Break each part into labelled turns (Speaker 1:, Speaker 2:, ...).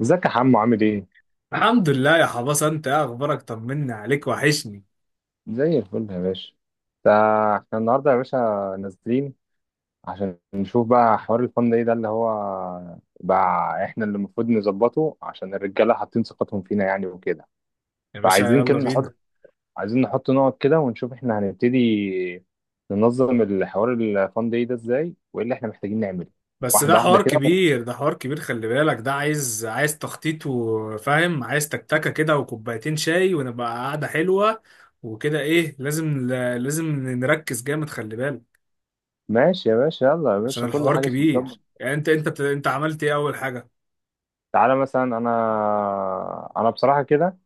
Speaker 1: ازيك يا حمو؟ عامل ايه؟
Speaker 2: الحمد لله يا حباس، انت ايه اخبارك؟ طمنا عليك، وحشني.
Speaker 1: زي الفل يا باشا. احنا النهارده يا باشا نازلين عشان نشوف بقى حوار الفن ايه ده اللي هو بقى. احنا اللي المفروض نظبطه عشان الرجاله حاطين ثقتهم فينا يعني وكده.
Speaker 2: يا باشا
Speaker 1: فعايزين كده
Speaker 2: يلا بينا.
Speaker 1: نحط، عايزين نحط نقط كده ونشوف احنا هنبتدي ننظم الحوار الفان داي ده ازاي، وايه اللي احنا محتاجين نعمله
Speaker 2: بس ده
Speaker 1: واحده واحده
Speaker 2: حوار
Speaker 1: كده.
Speaker 2: كبير، خلي بالك، ده عايز تخطيط، وفاهم عايز تكتكة كده وكوبايتين شاي، ونبقى قعدة حلوة. وكده ايه، لازم، لازم نركز جامد، خلي بالك.
Speaker 1: ماشي يا باشا، يلا يا
Speaker 2: عشان
Speaker 1: باشا، كل
Speaker 2: الحوار
Speaker 1: حاجه تتظبط.
Speaker 2: كبير، يعني انت عملت ايه اول حاجة؟
Speaker 1: تعالى مثلا، انا بصراحه كده،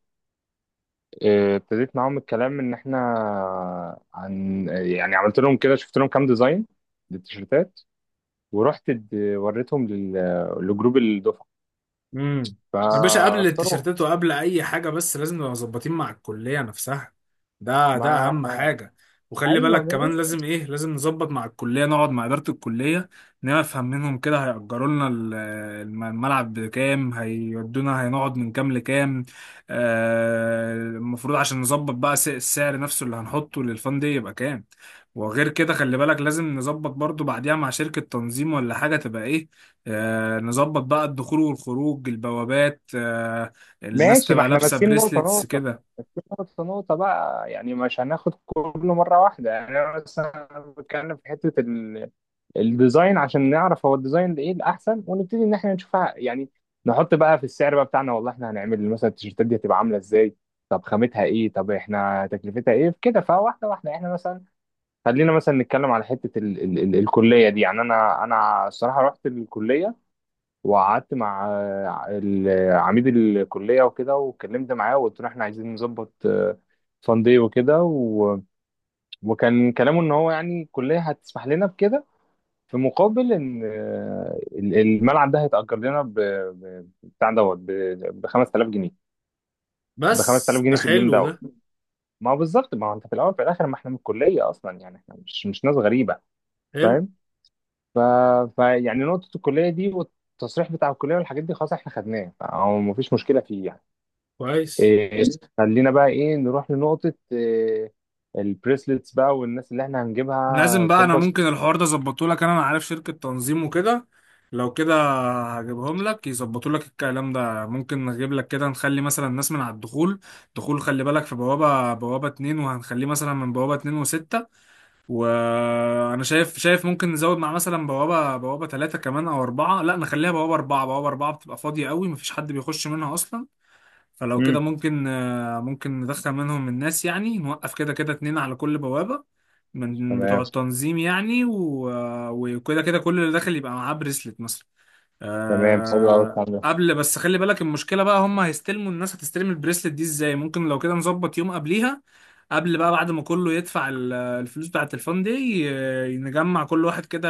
Speaker 1: ابتديت معاهم الكلام ان احنا، عن يعني عملت لهم كده، شفت لهم كام ديزاين للتيشيرتات، ورحت وريتهم لجروب الدفعه
Speaker 2: امم يا باشا، قبل
Speaker 1: فاختاروا.
Speaker 2: التيشيرتات وقبل اي حاجه، بس لازم نبقى مظبطين مع الكليه نفسها. ده
Speaker 1: ما،
Speaker 2: اهم حاجه. وخلي
Speaker 1: ايوه
Speaker 2: بالك كمان،
Speaker 1: ماشي.
Speaker 2: لازم ايه، لازم نظبط مع الكليه، نقعد مع اداره الكليه، نفهم منهم كده، هيأجروا لنا الملعب بكام، هيودونا، هنقعد من كام لكام. آه، المفروض عشان نظبط بقى السعر نفسه اللي هنحطه للفان دي يبقى كام. وغير كده خلي بالك لازم نظبط برضو بعديها مع شركه تنظيم ولا حاجه تبقى ايه. نظبط بقى الدخول والخروج، البوابات، الناس
Speaker 1: ماشي، ما
Speaker 2: تبقى
Speaker 1: احنا
Speaker 2: لابسة
Speaker 1: ماسكين نقطه
Speaker 2: بريسلتس
Speaker 1: نقطه،
Speaker 2: كده.
Speaker 1: نقطه نقطه بقى، يعني مش هناخد كله مره واحده. يعني انا مثلا بتكلم في حته الديزاين عشان نعرف هو الديزاين ده ايه الاحسن، ونبتدي ان احنا نشوفها يعني. نحط بقى في السعر بقى بتاعنا، والله احنا هنعمل مثلا التيشيرتات دي هتبقى عامله ازاي، طب خامتها ايه، طب احنا تكلفتها ايه كده. فواحده واحده احنا مثلا خلينا مثلا نتكلم على حته ال الكليه دي. يعني انا الصراحه رحت الكليه، وقعدت مع عميد الكليه وكده، واتكلمت معاه وقلت له احنا عايزين نظبط فان دي وكده وكان كلامه ان هو يعني الكليه هتسمح لنا بكده في مقابل ان الملعب ده هيتأجر لنا ب بتاع دوت ب 5000 جنيه، ب 5000
Speaker 2: بس
Speaker 1: جنيه
Speaker 2: ده
Speaker 1: في اليوم
Speaker 2: حلو،
Speaker 1: دوت.
Speaker 2: ده
Speaker 1: ما هو بالظبط، ما هو انت في الاول في الاخر ما احنا من الكليه اصلا، يعني احنا مش ناس غريبه.
Speaker 2: حلو.
Speaker 1: فاهم؟ ف... ف يعني نقطه الكليه دي والتصريح بتاع الكليه والحاجات دي خلاص احنا خدناه، فهو ما فيش مشكله فيه يعني.
Speaker 2: كويس.
Speaker 1: إيه، خلينا بقى ايه، نروح لنقطه إيه، البريسلتس بقى والناس اللي احنا هنجيبها
Speaker 2: لازم بقى. انا
Speaker 1: تظبط.
Speaker 2: ممكن الحوار ده اظبطه لك، أنا عارف شركة تنظيم وكده. لو كده هجيبهم لك يظبطوا لك الكلام ده. ممكن نجيب لك كده، نخلي مثلا الناس من على الدخول. دخول خلي بالك، في بوابة اتنين، وهنخليه مثلا من بوابة اتنين وستة. وانا شايف ممكن نزود مع مثلا بوابه ثلاثه كمان او اربعه. لا، نخليها بوابه اربعه. بوابه اربعه بتبقى فاضيه قوي، مفيش حد بيخش منها اصلا. فلو كده
Speaker 1: امم.
Speaker 2: ممكن، ممكن ندخل منهم الناس، يعني نوقف كده كده اتنين على كل بوابه من
Speaker 1: تمام.
Speaker 2: بتوع التنظيم يعني. وكده كده كل اللي داخل يبقى معاه بريسلت مثلا.
Speaker 1: تمام، حلو قوي
Speaker 2: آه،
Speaker 1: الكلام ده.
Speaker 2: قبل بس خلي بالك، المشكلة بقى، هم هيستلموا، الناس هتستلم البريسلت دي ازاي؟ ممكن لو كده نظبط يوم قبليها. قبل بقى، بعد ما كله يدفع الفلوس بتاعة الفان دي، نجمع كل واحد كده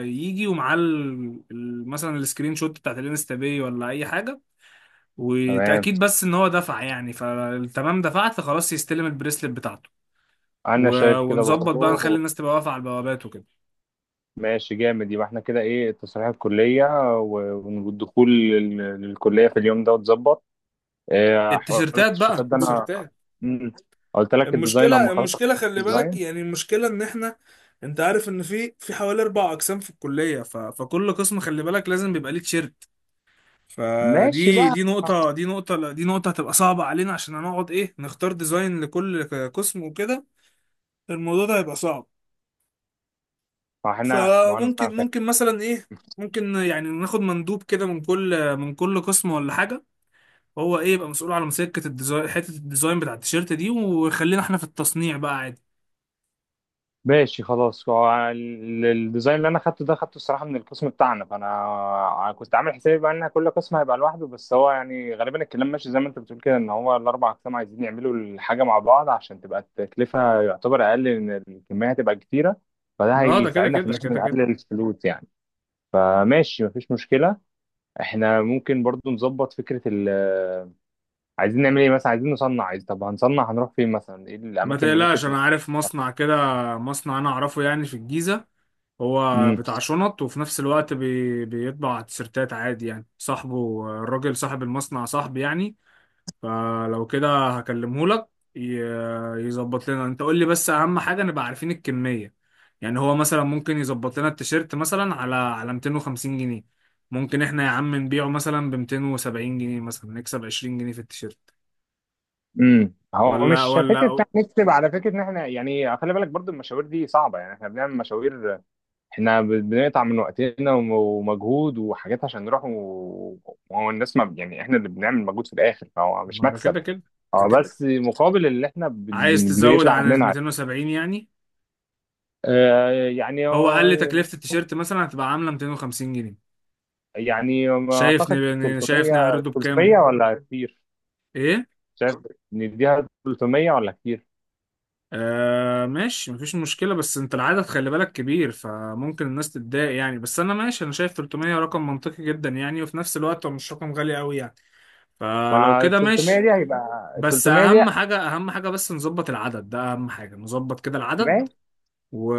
Speaker 2: يجي ومعاه مثلا السكرين شوت بتاعة الانستا باي ولا أي حاجة،
Speaker 1: تمام.
Speaker 2: وتأكيد بس إن هو دفع يعني. فتمام، دفعت، فخلاص يستلم البريسلت بتاعته.
Speaker 1: انا شايف كده
Speaker 2: ونظبط بقى
Speaker 1: برضه.
Speaker 2: نخلي الناس تبقى واقفة على البوابات وكده.
Speaker 1: ماشي جامد. يبقى احنا كده ايه، تصريح الكليه و- والدخول للكليه في اليوم ده واتظبط. اه، حوار
Speaker 2: التيشيرتات بقى،
Speaker 1: التيشيرتات ده انا
Speaker 2: التيشيرتات.
Speaker 1: مم. قلت لك الديزاين هم
Speaker 2: المشكلة
Speaker 1: خلاص.
Speaker 2: المشكلة خلي بالك
Speaker 1: الديزاين.
Speaker 2: يعني، المشكلة ان احنا، انت عارف ان في حوالي اربع اقسام في الكلية. فكل قسم خلي بالك لازم بيبقى ليه تيشيرت.
Speaker 1: ماشي
Speaker 2: فدي
Speaker 1: بقى.
Speaker 2: دي نقطة دي نقطة لا، دي نقطة هتبقى صعبة علينا، عشان هنقعد ايه، نختار ديزاين لكل قسم وكده. الموضوع ده هيبقى صعب.
Speaker 1: ما احنا ما انا
Speaker 2: فممكن مثلا ايه، ممكن يعني ناخد مندوب كده من كل، من كل قسم ولا حاجة، هو ايه يبقى مسؤول على مسكة الديزاين، حتة الديزاين بتاع التيشيرت دي، وخلينا احنا في التصنيع بقى عادي.
Speaker 1: ماشي خلاص، هو الديزاين اللي انا خدته ده خدته الصراحه من القسم بتاعنا. فانا كنت عامل حسابي بقى ان كل قسم هيبقى لوحده، بس هو يعني غالبا الكلام ماشي زي ما انت بتقول كده، ان هو الاربع اقسام عايزين يعملوا الحاجه مع بعض عشان تبقى التكلفه يعتبر اقل، ان الكميه هتبقى كتيره، فده
Speaker 2: اه ده كده
Speaker 1: هيساعدنا في ان
Speaker 2: كده
Speaker 1: احنا
Speaker 2: كده كده
Speaker 1: نقلل الفلوس يعني. فماشي، مفيش مشكله. احنا ممكن برضو نظبط فكره ال، عايزين نعمل ايه مثلا، عايزين نصنع، عايز طب هنصنع، هنروح فين مثلا، ايه
Speaker 2: ما
Speaker 1: الاماكن اللي ممكن
Speaker 2: تقلقش، انا عارف مصنع كده، مصنع انا اعرفه يعني في الجيزة. هو
Speaker 1: تبقى.
Speaker 2: بتاع شنط وفي نفس الوقت بيطبع تيشيرتات عادي يعني صاحبه. الراجل صاحب المصنع صاحبي يعني. فلو كده هكلمه لك ي... يظبط لنا. انت قول لي بس اهم حاجة نبقى عارفين الكمية. يعني هو مثلا ممكن يظبط لنا التيشيرت مثلا على على 250 جنيه، ممكن احنا يا عم نبيعه مثلا ب 270 جنيه مثلا، نكسب 20 جنيه في التيشيرت.
Speaker 1: امم، هو
Speaker 2: ولا
Speaker 1: مش فكره إن
Speaker 2: ولا
Speaker 1: إحنا نكسب، على فكره ان احنا يعني خلي بالك برضو المشاوير دي صعبه، يعني احنا بنعمل مشاوير، احنا بنقطع من وقتنا ومجهود وحاجات عشان نروح وهو الناس، ما يعني احنا اللي بنعمل مجهود في الاخر، فهو مش
Speaker 2: ما ده
Speaker 1: مكسب.
Speaker 2: كده كده، ده
Speaker 1: اه
Speaker 2: كده.
Speaker 1: بس مقابل اللي احنا
Speaker 2: عايز تزود
Speaker 1: بيطلع
Speaker 2: عن ال
Speaker 1: مننا.
Speaker 2: 270 يعني؟
Speaker 1: آه، يعني
Speaker 2: هو قال لي تكلفة التيشيرت مثلا هتبقى عاملة 250 جنيه.
Speaker 1: يعني
Speaker 2: شايف
Speaker 1: اعتقد
Speaker 2: شايف
Speaker 1: 300.
Speaker 2: نعرضه بكام؟
Speaker 1: 300 ولا كتير؟
Speaker 2: ايه.
Speaker 1: شايف، نديها 300 ولا كتير؟
Speaker 2: آه ماشي، مفيش مشكلة، بس انت العدد خلي بالك كبير، فممكن الناس تتضايق يعني. بس انا ماشي، انا شايف 300 رقم منطقي جدا يعني، وفي نفس الوقت هو مش رقم غالي قوي يعني. فلو
Speaker 1: مع
Speaker 2: كده
Speaker 1: 300
Speaker 2: ماشي.
Speaker 1: دي هيبقى
Speaker 2: بس
Speaker 1: 300 دي.
Speaker 2: اهم حاجة، اهم حاجة بس نظبط العدد ده، اهم حاجة نظبط كده العدد. و...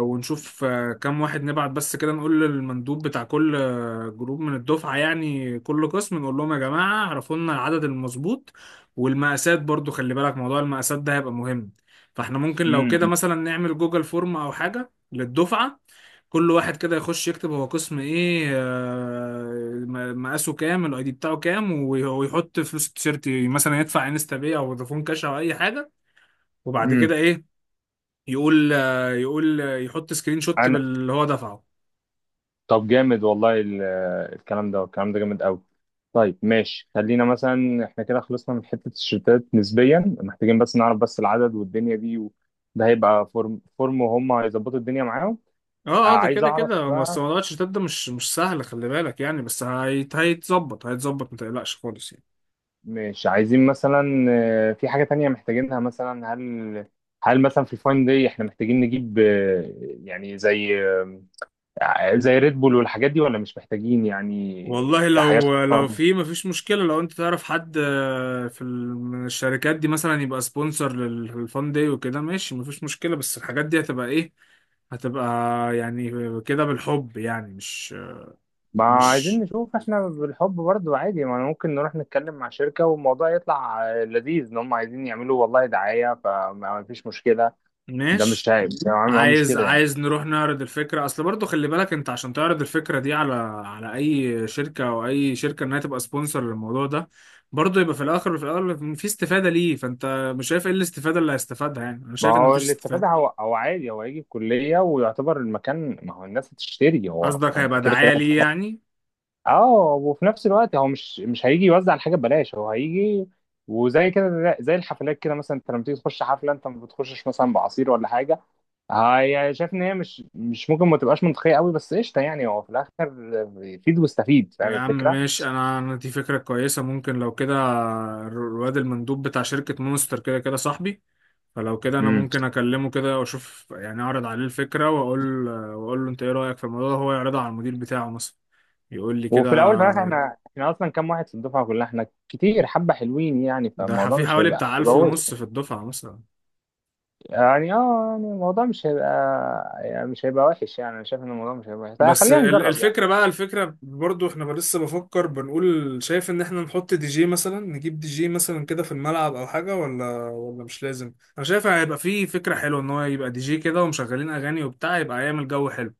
Speaker 2: ونشوف كام واحد نبعت. بس كده نقول للمندوب بتاع كل، جروب من الدفعة يعني، كل قسم نقول لهم يا جماعة اعرفوا لنا العدد المظبوط. والمقاسات برضو خلي بالك، موضوع المقاسات ده هيبقى مهم. فاحنا ممكن لو كده
Speaker 1: ما،
Speaker 2: مثلا نعمل جوجل فورم او حاجة للدفعة، كل واحد كده يخش يكتب هو قسم ايه، مقاسه كام، الاي دي بتاعه كام، ويحط فلوس التيشيرت مثلا، يدفع انستا باي او فودافون كاش او اي حاجة. وبعد
Speaker 1: امم،
Speaker 2: كده ايه، يقول، يحط سكرين شوت
Speaker 1: انا.
Speaker 2: باللي هو دفعه.
Speaker 1: طب جامد والله الكلام ده، الكلام ده جامد قوي. طيب ماشي، خلينا مثلا احنا كده خلصنا من حتة الشتات نسبيا، محتاجين بس نعرف بس العدد والدنيا دي ده هيبقى فورم فورم وهم هيظبطوا الدنيا معاهم. آه،
Speaker 2: اه ده
Speaker 1: عايز
Speaker 2: كده
Speaker 1: اعرف
Speaker 2: كده. بس
Speaker 1: بقى،
Speaker 2: موضوع الشتات ده مش، مش سهل خلي بالك يعني، بس هيتظبط، هيتظبط، ما تقلقش خالص يعني.
Speaker 1: مش عايزين مثلا، آه، في حاجة تانية محتاجينها مثلا، هل مثلا في الفاين دي احنا محتاجين نجيب، يعني زي، زي ريد بول والحاجات دي، ولا مش محتاجين يعني
Speaker 2: والله
Speaker 1: كحاجات.
Speaker 2: لو في، مفيش مشكلة لو انت تعرف حد، في من الشركات دي مثلا يبقى سبونسر للفان داي وكده، ماشي مفيش مشكلة، بس الحاجات دي هتبقى ايه، هتبقى يعني كده بالحب يعني، مش
Speaker 1: ما عايزين
Speaker 2: مش
Speaker 1: نشوف احنا بالحب برضو عادي، ما ممكن نروح نتكلم مع شركة والموضوع يطلع لذيذ ان هم عايزين يعملوا والله دعاية، فما فيش مشكلة. ده مش
Speaker 2: ماشي.
Speaker 1: عيب ده، ما هو
Speaker 2: عايز،
Speaker 1: مشكلة يعني.
Speaker 2: عايز نروح نعرض الفكرة، اصل برضو خلي بالك انت عشان تعرض الفكرة دي على، على اي شركة او اي شركة انها تبقى سبونسر للموضوع ده، برضو يبقى في الاخر، وفي الاول، في استفادة ليه. فانت مش شايف ايه الاستفادة اللي هيستفادها يعني؟ انا
Speaker 1: ما
Speaker 2: شايف ان
Speaker 1: هو
Speaker 2: مفيش
Speaker 1: الاستفادة،
Speaker 2: استفادة.
Speaker 1: هو هو عادي، هو هيجي الكلية ويعتبر المكان، ما هو الناس هتشتري، هو هو
Speaker 2: قصدك
Speaker 1: انت
Speaker 2: هيبقى
Speaker 1: كده كده
Speaker 2: دعاية ليه
Speaker 1: هتشتري.
Speaker 2: يعني.
Speaker 1: اه، وفي نفس الوقت هو مش هيجي يوزع الحاجة ببلاش، هو هيجي، وزي كده زي الحفلات كده، مثلا انت لما تيجي تخش حفلة انت ما بتخشش مثلا بعصير ولا حاجة. هاي، شايف ان هي مش ممكن، ما تبقاش منطقيه قوي، بس قشطه، يعني هو في الاخر بيفيد ويستفيد،
Speaker 2: يا
Speaker 1: فاهم
Speaker 2: عم
Speaker 1: الفكره؟
Speaker 2: ماشي، انا، دي فكرة كويسة. ممكن لو كده، الواد المندوب بتاع شركة مونستر كده كده صاحبي. فلو كده انا
Speaker 1: امم،
Speaker 2: ممكن اكلمه كده واشوف يعني، اعرض عليه الفكرة واقول له انت ايه رأيك في الموضوع ده، هو يعرضها على المدير بتاعه مثلا، يقول لي كده.
Speaker 1: وفي الاول في الاخر احنا، احنا اصلا كام واحد في الدفعه كلها، احنا كتير، حبه حلوين يعني،
Speaker 2: ده
Speaker 1: فالموضوع
Speaker 2: في
Speaker 1: مش
Speaker 2: حوالي
Speaker 1: هيبقى
Speaker 2: بتاع ألف
Speaker 1: ملوث.
Speaker 2: ونص في الدفعة مثلا.
Speaker 1: يعني اه، يعني الموضوع مش هيبقى، يعني مش هيبقى وحش، يعني انا شايف ان الموضوع مش هيبقى وحش، طيب
Speaker 2: بس
Speaker 1: خلينا نجرب يعني.
Speaker 2: الفكرة بقى، الفكرة برضو، احنا بقى لسه بفكر بنقول، شايف ان احنا نحط دي جي مثلا، نجيب دي جي مثلا كده في الملعب او حاجة، ولا مش لازم. انا شايف هيبقى في فكرة حلوة ان هو يبقى دي جي كده، ومشغلين اغاني وبتاع، يبقى يعمل جو حلو.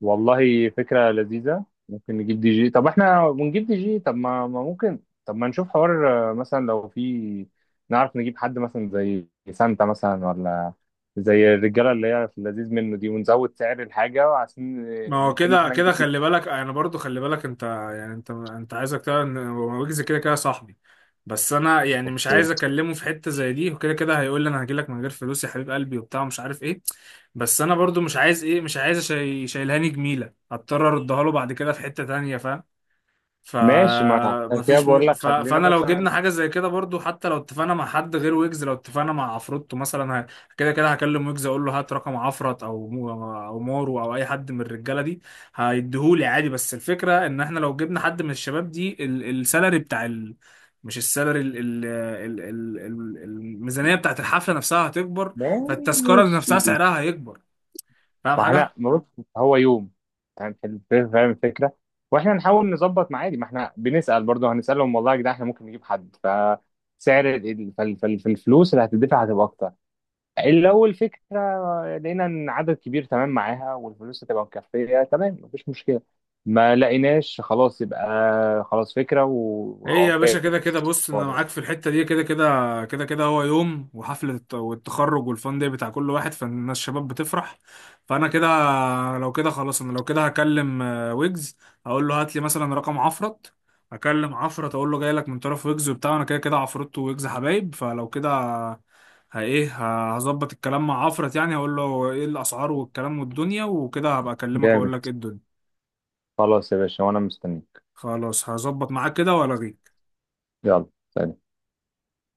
Speaker 1: والله فكرة لذيذة، ممكن نجيب دي جي، طب احنا بنجيب دي جي، طب ما ممكن، طب ما نشوف حوار، مثلا لو في، نعرف نجيب حد مثلا زي سانتا مثلا، ولا زي الرجالة اللي هي في اللذيذ منه دي، ونزود سعر الحاجة عشان،
Speaker 2: ما هو
Speaker 1: ممكن
Speaker 2: كده
Speaker 1: احنا
Speaker 2: كده
Speaker 1: نجيب.
Speaker 2: خلي بالك، انا برضو خلي بالك انت يعني، انت عايزك تعرف ان ويجز كده كده صاحبي. بس انا يعني مش عايز اكلمه في حته زي دي، وكده كده هيقول لي انا هجيلك من غير فلوس يا حبيب قلبي وبتاع مش عارف ايه. بس انا برضو مش عايز ايه، مش عايز شاي شايلهاني جميله، هضطر اردها له بعد كده في حته تانية، فاهم؟
Speaker 1: ماشي، ما انا عشان كده بقول لك خلينا
Speaker 2: فانا لو
Speaker 1: مثلا،
Speaker 2: جبنا حاجه زي كده برضو، حتى لو اتفقنا مع حد غير ويجز، لو اتفقنا مع عفروتو مثلا، كده كده هكلم ويجز اقول له هات رقم عفرت، او مارو، او اي حد من الرجاله دي هيديهولي عادي. بس الفكره ان احنا لو جبنا حد من الشباب دي السالري بتاع مش السالري، الميزانيه بتاعت الحفله نفسها هتكبر،
Speaker 1: ماشي،
Speaker 2: فالتذكره نفسها سعرها هيكبر. فاهم
Speaker 1: ما احنا
Speaker 2: حاجه؟
Speaker 1: ما بص هو يوم، يعني، فاهم فاهم الفكره، واحنا نحاول نظبط مع عادي، ما احنا بنسال برضه، هنسالهم والله يا جدعان احنا ممكن نجيب حد، فسعر فالفلوس اللي هتدفع هتبقى اكتر، لو الفكره لقينا ان عدد كبير تمام معاها والفلوس هتبقى مكفيه تمام، مفيش مشكله. ما لقيناش خلاص يبقى خلاص فكره و،
Speaker 2: ايه يا باشا كده
Speaker 1: وفاكس.
Speaker 2: كده. بص انا معاك في الحته دي، كده كده كده كده هو يوم، وحفله والتخرج والفان دي بتاع كل واحد، فالناس الشباب بتفرح. فانا كده، لو كده خلاص، انا لو كده هكلم ويجز، اقول له هات لي مثلا رقم عفرت، هكلم عفرت اقول له جاي لك من طرف ويجز وبتاع، انا كده كده عفرت ويجز حبايب. فلو كده هظبط الكلام مع عفرت، يعني هقول له ايه الاسعار والكلام والدنيا وكده، هبقى اكلمك
Speaker 1: جامد،
Speaker 2: اقول لك ايه الدنيا.
Speaker 1: خلاص يا باشا وانا مستنيك.
Speaker 2: خلاص هظبط معاك كده والغيك.
Speaker 1: يلا سلام.